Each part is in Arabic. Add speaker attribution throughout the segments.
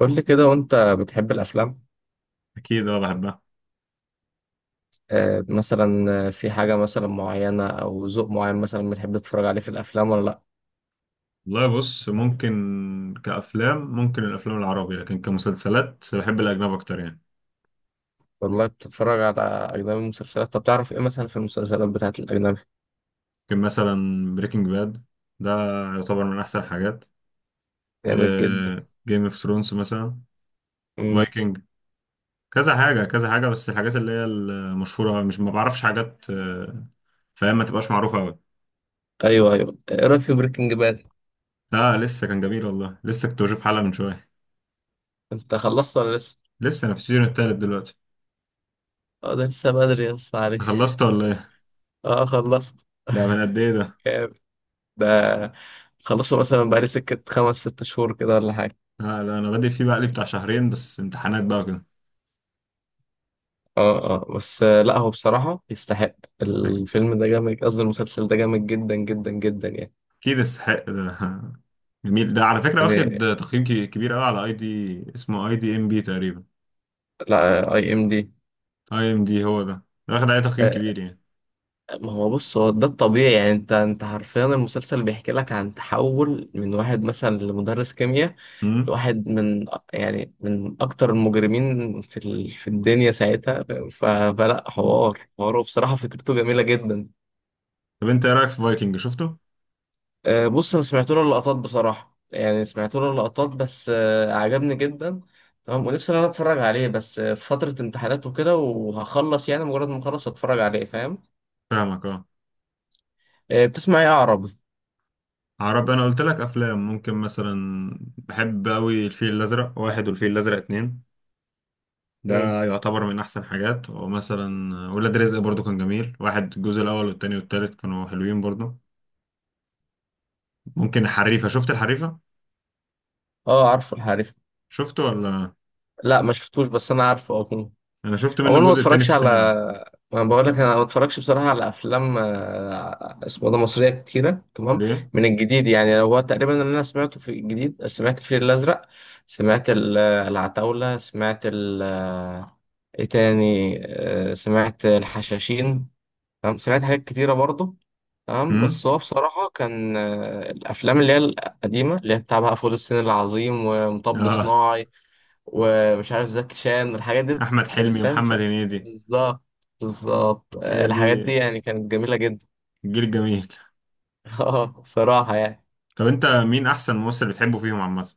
Speaker 1: قول لي كده وانت بتحب الافلام؟
Speaker 2: اكيد، اه بحبها.
Speaker 1: آه، مثلا؟ في حاجه مثلا معينه او ذوق معين مثلا بتحب تتفرج عليه في الافلام ولا لا؟
Speaker 2: والله بص، ممكن كافلام ممكن الافلام العربي، لكن كمسلسلات بحب الاجنبي اكتر يعني.
Speaker 1: والله بتتفرج على اجنبي مسلسلات؟ طب تعرف ايه مثلا في المسلسلات بتاعت الاجنبي؟
Speaker 2: ممكن مثلا بريكنج باد، ده يعتبر من احسن الحاجات.
Speaker 1: جامد جدا.
Speaker 2: جيم اوف ثرونز مثلا،
Speaker 1: امم.
Speaker 2: فايكنج، كذا حاجه كذا حاجه، بس الحاجات اللي هي المشهوره، مش ما بعرفش حاجات فاهم؟ ما تبقاش معروفه قوي.
Speaker 1: ايوه ايوه، ايه رايك في بريكنج باد؟
Speaker 2: لا لسه، كان جميل والله، لسه كنت بشوف حلقه من شويه.
Speaker 1: انت خلصت ولا لسه؟
Speaker 2: لسه انا في السيزون التالت دلوقتي.
Speaker 1: اه، ده لسه بدري يا اسطى عليه.
Speaker 2: خلصت ولا ايه؟
Speaker 1: اه، خلصت.
Speaker 2: ده من قد ايه ده؟
Speaker 1: جامد. ده خلصه مثلا بقالي سكه 5 6 شهور كده ولا حاجه.
Speaker 2: لا, لا انا بادئ فيه بقى لي بتاع شهرين، بس امتحانات بقى كده.
Speaker 1: اه اه، بس لا، هو بصراحة يستحق. الفيلم ده جامد، قصدي المسلسل ده جامد جدا جدا جدا يعني.
Speaker 2: اكيد يستحق ده جميل ده على فكرة،
Speaker 1: يعني
Speaker 2: واخد تقييم كبير قوي على اي دي. اسمه اي دي ام بي تقريبا.
Speaker 1: لا، اي ام دي.
Speaker 2: اي ام دي، هو ده. ده واخد عليه تقييم كبير يعني.
Speaker 1: ما هو بص، هو ده الطبيعي يعني. انت حرفيا المسلسل بيحكي لك عن تحول من واحد مثلا لمدرس كيمياء،
Speaker 2: امم.
Speaker 1: لواحد من يعني من اكتر المجرمين في الدنيا ساعتها. ف... فلا حوار، حواره بصراحة فكرته جميلة جدا.
Speaker 2: طب انت ايه رايك في فايكنج؟ شفته؟
Speaker 1: بص انا سمعت له اللقطات بصراحه يعني، سمعت له اللقطات، بس عجبني جدا تمام، ونفسي ان انا اتفرج عليه، بس في فتره امتحانات وكده، وهخلص يعني، مجرد ما اخلص اتفرج عليه، فاهم.
Speaker 2: فاهمك اه.
Speaker 1: بتسمع ايه عربي؟
Speaker 2: عربي، انا قلت لك افلام. ممكن مثلا بحب قوي الفيل الازرق واحد، والفيل الازرق اتنين.
Speaker 1: امم.
Speaker 2: ده يعتبر من احسن حاجات. ومثلا ولاد رزق برضو كان جميل. واحد، الجزء الاول والتاني والتالت كانوا حلوين برضو. ممكن الحريفة. شفت الحريفة؟
Speaker 1: اه عارفه الحريف.
Speaker 2: شفته ولا؟
Speaker 1: لا ما شفتوش، بس انا عارفه اه.
Speaker 2: انا شفت منه
Speaker 1: عموما ما
Speaker 2: الجزء التاني في
Speaker 1: اتفرجش على،
Speaker 2: السينما.
Speaker 1: ما بقول لك انا ما اتفرجش بصراحه على افلام اسمه ده مصريه كتيره تمام.
Speaker 2: ليه؟
Speaker 1: من الجديد يعني، هو تقريبا اللي انا سمعته في الجديد، سمعت الفيل الازرق، سمعت العتاوله، سمعت ايه تاني سمعت الحشاشين، تمام سمعت حاجات كتيره برضه، تمام.
Speaker 2: امم.
Speaker 1: بس هو بصراحه كان الافلام اللي هي القديمه، اللي هي بتاع بقى فول الصين العظيم ومطب
Speaker 2: اه.
Speaker 1: صناعي ومش عارف زكي شان، الحاجات دي
Speaker 2: احمد
Speaker 1: كانت
Speaker 2: حلمي
Speaker 1: فاهم.
Speaker 2: ومحمد هنيدي،
Speaker 1: بالظبط، بالظبط
Speaker 2: هي دي
Speaker 1: الحاجات دي يعني كانت جميلة جدا.
Speaker 2: الجيل الجميل.
Speaker 1: اه بصراحة يعني.
Speaker 2: طب انت مين احسن ممثل بتحبه فيهم عامه؟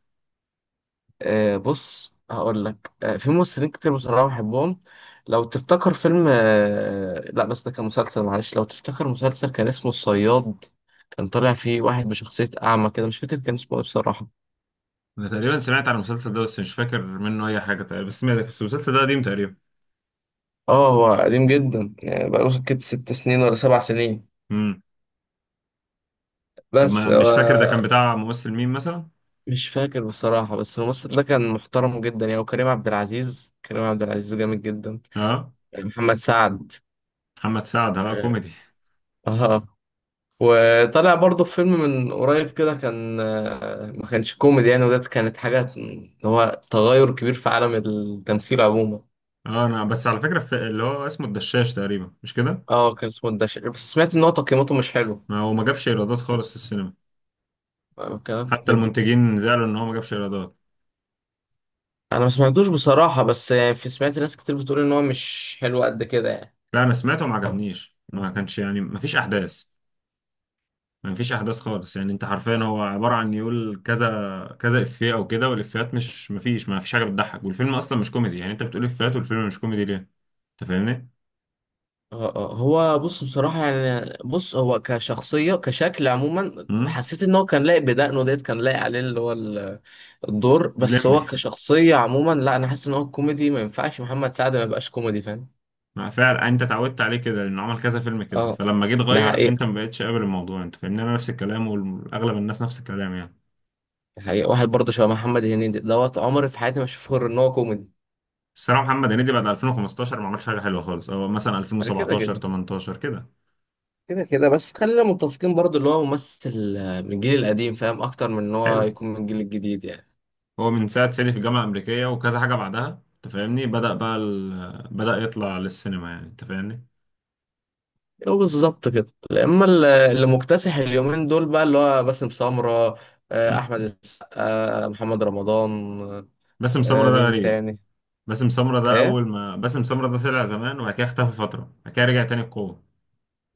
Speaker 1: بص هقول لك في ممثلين كتير بصراحة بحبهم. لو تفتكر فيلم لا بس ده كان مسلسل، معلش، لو تفتكر مسلسل كان اسمه الصياد، كان طالع فيه واحد بشخصية أعمى كده، مش فاكر كان اسمه إيه بصراحة.
Speaker 2: انا تقريبا سمعت عن المسلسل ده، بس مش فاكر منه اي حاجه تقريبا. بس سمعت، بس المسلسل ده قديم تقريبا.
Speaker 1: اه، هو قديم جدا يعني، بقاله سكت 6 سنين ولا 7 سنين،
Speaker 2: امم. طب
Speaker 1: بس
Speaker 2: ما مش فاكر ده كان بتاع ممثل مين مثلا؟
Speaker 1: مش فاكر بصراحة، بس الممثل ده كان محترم جدا يعني، وكريم عبد العزيز، كريم عبد العزيز جامد جدا.
Speaker 2: اه.
Speaker 1: محمد سعد.
Speaker 2: محمد سعد، اه
Speaker 1: اه.
Speaker 2: كوميدي.
Speaker 1: آه. وطلع برضه في فيلم من قريب كده كان ما كانش كوميدي يعني، وده كانت حاجة اللي هو تغير كبير في عالم التمثيل عموما.
Speaker 2: اه انا بس على فكره، في اللي هو اسمه الدشاش تقريبا، مش كده؟
Speaker 1: اه، كان اسمه الدشر، بس سمعت ان هو تقييماته مش حلو.
Speaker 2: ما هو ما جابش ايرادات خالص في السينما.
Speaker 1: الكلام في
Speaker 2: حتى
Speaker 1: كده.
Speaker 2: المنتجين زعلوا ان هو ما جابش ايرادات.
Speaker 1: انا ما سمعتوش بصراحة، بس يعني في سمعت ناس كتير بتقول ان هو مش حلو قد كده يعني.
Speaker 2: لا انا سمعته وما عجبنيش. ما كانش يعني، ما فيش احداث. ما فيش احداث خالص يعني. انت حرفيا هو عباره عن يقول كذا كذا افيه او كده، والافيهات مش ما فيش حاجه بتضحك. والفيلم اصلا مش كوميدي يعني. انت بتقول افيهات والفيلم مش كوميدي، ليه؟ انت فاهمني.
Speaker 1: هو بص بصراحة يعني. بص، هو كشخصية، كشكل عموما
Speaker 2: امم.
Speaker 1: حسيت ان هو كان لايق بدقنه ديت، كان لايق عليه اللي هو الدور. بس هو
Speaker 2: الليمبي
Speaker 1: كشخصية عموما لا، انا حاسس ان هو كوميدي، ما ينفعش محمد سعد ما يبقاش كوميدي، فاهم.
Speaker 2: ما فعلا انت اتعودت عليه كده لانه عمل كذا فيلم كده،
Speaker 1: اه
Speaker 2: فلما جيت
Speaker 1: ده
Speaker 2: غير، انت
Speaker 1: حقيقة.
Speaker 2: ما بقتش قابل الموضوع. انت فاهمني، انا نفس الكلام، واغلب الناس نفس الكلام يعني.
Speaker 1: ده حقيقة. واحد برضه شبه محمد هنيدي دوت، عمري في حياتي ما اشوفه غير ان هو كوميدي.
Speaker 2: الصراحه محمد هنيدي بعد 2015 ما عملش حاجه حلوه خالص، او مثلا
Speaker 1: كده
Speaker 2: 2017
Speaker 1: كده.
Speaker 2: 18 كده.
Speaker 1: كده كده، بس خلينا متفقين برضه اللي هو ممثل من الجيل القديم فاهم اكتر من ان هو
Speaker 2: حلو.
Speaker 1: يكون من الجيل الجديد يعني.
Speaker 2: هو من ساعة سيدي في الجامعة الأمريكية وكذا حاجة بعدها، أنت فاهمني، بدأ بقى بدأ يطلع للسينما يعني، أنت فاهمني.
Speaker 1: هو بالظبط كده. اما اللي مكتسح اليومين دول بقى اللي هو باسم سمرة، احمد السقا، محمد رمضان،
Speaker 2: باسم سمرة ده
Speaker 1: مين
Speaker 2: غريب.
Speaker 1: تاني؟
Speaker 2: باسم سمرة ده،
Speaker 1: ايه؟
Speaker 2: أول ما باسم سمرة ده طلع زمان، وبعد كده اختفى فترة، بعد كده رجع تاني بقوة.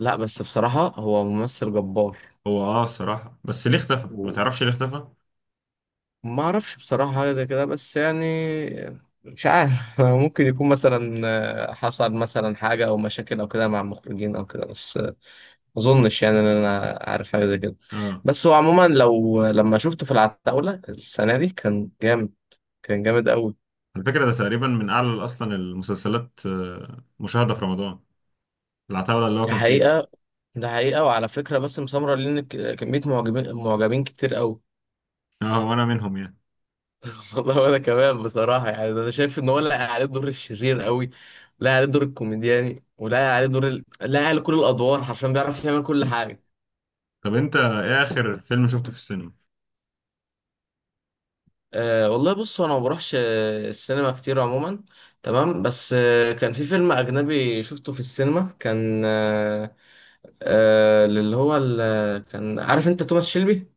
Speaker 1: لا بس بصراحة هو ممثل جبار.
Speaker 2: هو أه الصراحة، بس ليه اختفى؟ ما
Speaker 1: وما
Speaker 2: تعرفش ليه اختفى؟
Speaker 1: اعرفش بصراحة حاجة زي كده، بس يعني مش عارف. ممكن يكون مثلا حصل مثلا حاجة او مشاكل او كده مع المخرجين او كده، بس ما اظنش يعني ان انا عارف حاجة زي كده.
Speaker 2: أه
Speaker 1: بس هو عموما لو، لما شفته في العتاولة السنة دي كان جامد، كان جامد قوي.
Speaker 2: على فكرة ده تقريبا من أعلى أصلا المسلسلات مشاهدة في رمضان، العتاولة اللي هو
Speaker 1: ده
Speaker 2: كان فيه.
Speaker 1: حقيقة. ده حقيقة. وعلى فكرة باسم سمرة ليه كمية معجبين، معجبين كتير قوي.
Speaker 2: أه وأنا منهم يعني.
Speaker 1: والله وأنا كمان بصراحة يعني. أنا شايف إن هو لاقي عليه دور الشرير قوي، لاقي عليه دور الكوميدياني، ولاقي عليه دور لاقي عليه كل الأدوار، حرفيا بيعرف يعمل كل حاجة.
Speaker 2: طب أنت إيه آخر فيلم شفته في السينما؟
Speaker 1: أه والله، بص أنا ما بروحش السينما كتير عموما، تمام. بس كان في فيلم أجنبي شفته في السينما كان اللي هو كان عارف أنت توماس شيلبي؟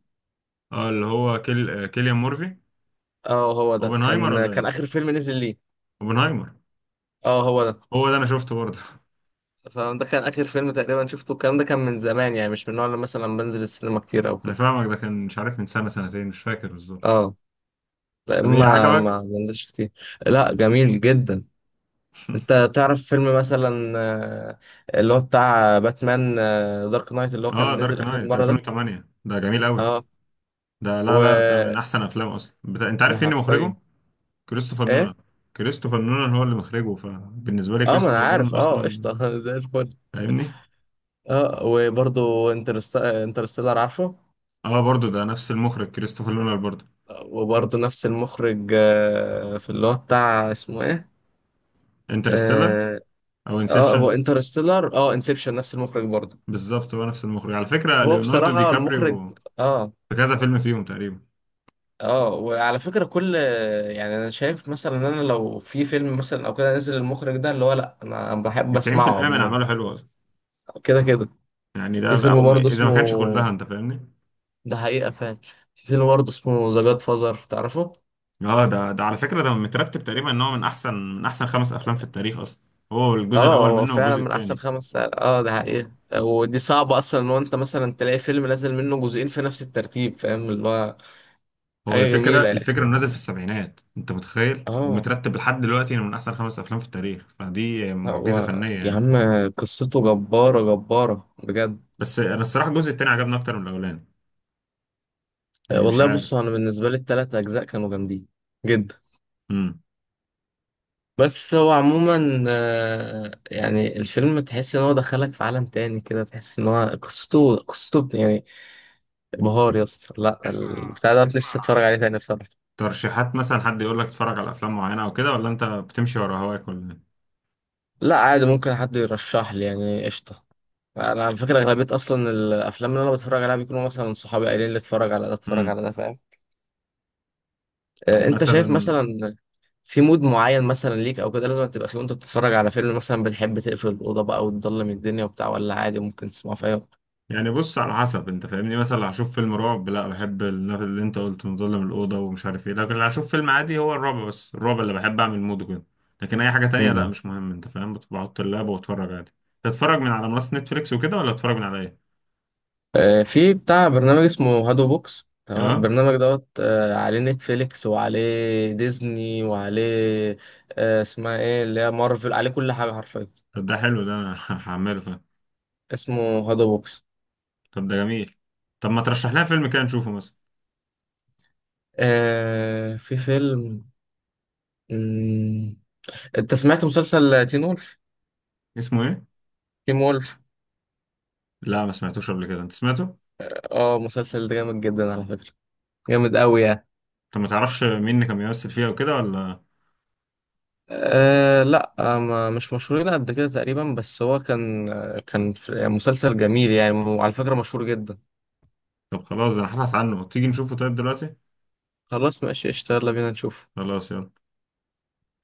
Speaker 2: أه اللي هو كيليان مورفي.
Speaker 1: اه هو ده،
Speaker 2: أوبنهايمر
Speaker 1: كان
Speaker 2: ولا
Speaker 1: كان
Speaker 2: إيه؟
Speaker 1: آخر فيلم نزل ليه.
Speaker 2: اوبنهايمر
Speaker 1: اه هو ده.
Speaker 2: هو ده، انا شفته برضه
Speaker 1: فده كان آخر فيلم تقريبا شفته، الكلام ده كان من زمان يعني، مش من النوع اللي مثلا بنزل السينما كتير أو
Speaker 2: انا
Speaker 1: كده.
Speaker 2: فاهمك، ده كان مش عارف، من سنة، سنتين، مش فاكر بالظبط.
Speaker 1: اه، لا،
Speaker 2: طب ايه
Speaker 1: ما
Speaker 2: عجبك؟
Speaker 1: ما بنزلش كتير. لا جميل جدا. انت تعرف فيلم مثلا اللي هو بتاع باتمان، دارك نايت اللي هو
Speaker 2: اه
Speaker 1: كان
Speaker 2: دارك
Speaker 1: نزل آخر
Speaker 2: نايت
Speaker 1: مرة ده؟
Speaker 2: 2008، ده جميل قوي.
Speaker 1: اه،
Speaker 2: ده لا لا، ده من
Speaker 1: و
Speaker 2: احسن افلام اصلا انت
Speaker 1: ده
Speaker 2: عارف مين اللي مخرجه؟
Speaker 1: حرفيا.
Speaker 2: كريستوفر نولان.
Speaker 1: ايه؟
Speaker 2: كريستوفر نولان هو اللي مخرجه، فبالنسبة لي
Speaker 1: اه ما انا
Speaker 2: كريستوفر
Speaker 1: عارف،
Speaker 2: نولان
Speaker 1: اه،
Speaker 2: اصلا.
Speaker 1: قشطة. زي الفل.
Speaker 2: فاهمني.
Speaker 1: اه، وبرضه انترستيلر عارفه.
Speaker 2: اه برضه ده نفس المخرج، كريستوفر نولان برضه.
Speaker 1: وبرضه نفس المخرج في اللي هو بتاع اسمه ايه.
Speaker 2: انترستيلر
Speaker 1: آه،
Speaker 2: او
Speaker 1: اه هو
Speaker 2: انسبشن.
Speaker 1: انترستيلر، اه انسبشن نفس المخرج برضه.
Speaker 2: بالظبط، هو نفس المخرج. على فكرة
Speaker 1: هو
Speaker 2: ليوناردو دي
Speaker 1: بصراحة المخرج،
Speaker 2: كابريو
Speaker 1: اه،
Speaker 2: في كذا فيلم فيهم تقريبا.
Speaker 1: اه. وعلى فكرة كل، يعني انا شايف مثلا ان انا لو في فيلم مثلا او كده نزل المخرج ده، اللي هو لا انا بحب اسمعه
Speaker 2: 90% من
Speaker 1: عموما.
Speaker 2: اعماله حلوة
Speaker 1: كده كده.
Speaker 2: يعني،
Speaker 1: في
Speaker 2: ده
Speaker 1: فيلم
Speaker 2: او
Speaker 1: برضه
Speaker 2: اذا ما
Speaker 1: اسمه،
Speaker 2: كانش كلها، انت فاهمني.
Speaker 1: ده حقيقة فعلا، في فيلم برضه اسمه ذا جاد فازر، تعرفه؟
Speaker 2: اه ده ده على فكره، ده مترتب تقريبا ان هو من احسن، من احسن خمس افلام في التاريخ اصلا. هو الجزء
Speaker 1: اه
Speaker 2: الاول
Speaker 1: هو
Speaker 2: منه
Speaker 1: فعلا
Speaker 2: والجزء
Speaker 1: من احسن
Speaker 2: الثاني.
Speaker 1: 5 ساعات. اه ده حقيقة. ودي صعبة اصلا ان هو انت مثلا تلاقي فيلم نازل منه جزئين في نفس الترتيب، فاهم اللي هو.
Speaker 2: هو
Speaker 1: حاجة
Speaker 2: الفكره،
Speaker 1: جميلة يعني.
Speaker 2: الفكره انه نازل في السبعينات انت متخيل،
Speaker 1: اه.
Speaker 2: ومترتب لحد دلوقتي انه من احسن خمس افلام في التاريخ، فدي معجزه
Speaker 1: هو
Speaker 2: فنيه
Speaker 1: يا
Speaker 2: يعني.
Speaker 1: عم قصته جبارة، جبارة بجد.
Speaker 2: بس انا الصراحه الجزء الثاني عجبني اكتر من الاولاني،
Speaker 1: أه
Speaker 2: يعني مش
Speaker 1: والله، بص
Speaker 2: عارف.
Speaker 1: أنا بالنسبة لي التلات أجزاء كانوا جامدين جدا.
Speaker 2: امم.
Speaker 1: بس هو عموما يعني الفيلم تحس إن هو دخلك في عالم تاني كده، تحس إن هو قصته يعني بهار يا اسطى. لا،
Speaker 2: تسمع،
Speaker 1: البتاع ده نفسي أتفرج
Speaker 2: بتسمع
Speaker 1: عليه تاني بصراحة.
Speaker 2: ترشيحات مثلا؟ حد يقول لك اتفرج على افلام معينه او كده، ولا انت بتمشي ورا هواك ولا ايه؟
Speaker 1: لا عادي، ممكن حد يرشح لي، يعني قشطة. أنا على فكرة أغلبية أصلا الأفلام اللي أنا بتفرج عليها بيكونوا مثلا صحابي قايلين لي اتفرج على ده، اتفرج
Speaker 2: امم.
Speaker 1: على ده، فاهم.
Speaker 2: طب
Speaker 1: أنت شايف
Speaker 2: مثلا
Speaker 1: مثلا في مود معين مثلا ليك او كده لازم تبقى فيه وانت بتتفرج على فيلم مثلا؟ بتحب تقفل الاوضه بقى وتضلم الدنيا وبتاع، ولا عادي ممكن تسمعه في اي وقت؟
Speaker 2: يعني، بص على حسب، انت فاهمني، مثلا لو هشوف فيلم رعب، لا بحب النفس اللي انت قلته، مظلم الاوضه ومش عارف ايه. لكن لو هشوف فيلم عادي، هو الرعب، بس الرعب اللي بحب اعمل مود كده. لكن اي حاجه تانية لا
Speaker 1: مم.
Speaker 2: مش مهم، انت فاهم، بحط اللاب واتفرج عادي. تتفرج من على منصه نتفليكس وكده، ولا تتفرج من على ايه؟
Speaker 1: في بتاع برنامج اسمه هادو بوكس تمام،
Speaker 2: اه.
Speaker 1: البرنامج دوت عليه نتفليكس وعليه ديزني وعليه اسمها ايه اللي هي مارفل، عليه كل حاجه حرفيا.
Speaker 2: طب ده حلو، ده انا هعمله، فاهم؟
Speaker 1: اسمه هادو بوكس.
Speaker 2: طب ده جميل. طب ما ترشح لنا فيلم كده نشوفه مثلا؟
Speaker 1: في فيلم. مم. انت سمعت مسلسل تين وولف؟
Speaker 2: اسمه ايه؟
Speaker 1: تين وولف.
Speaker 2: لا ما سمعتوش قبل كده، انت سمعته؟
Speaker 1: اه، مسلسل ده جامد جدا على فكره، جامد قوي يعني.
Speaker 2: طب ما تعرفش مين اللي كان بيمثل فيها وكده ولا؟
Speaker 1: أه لا، ما مش مشهورين قد كده تقريبا، بس هو كان كان يعني مسلسل جميل يعني، وعلى فكرة مشهور جدا.
Speaker 2: طب خلاص، ده انا هبحث عنه، تيجي نشوفه طيب دلوقتي؟
Speaker 1: خلاص ماشي، اشتغل بينا نشوف.
Speaker 2: خلاص يلا.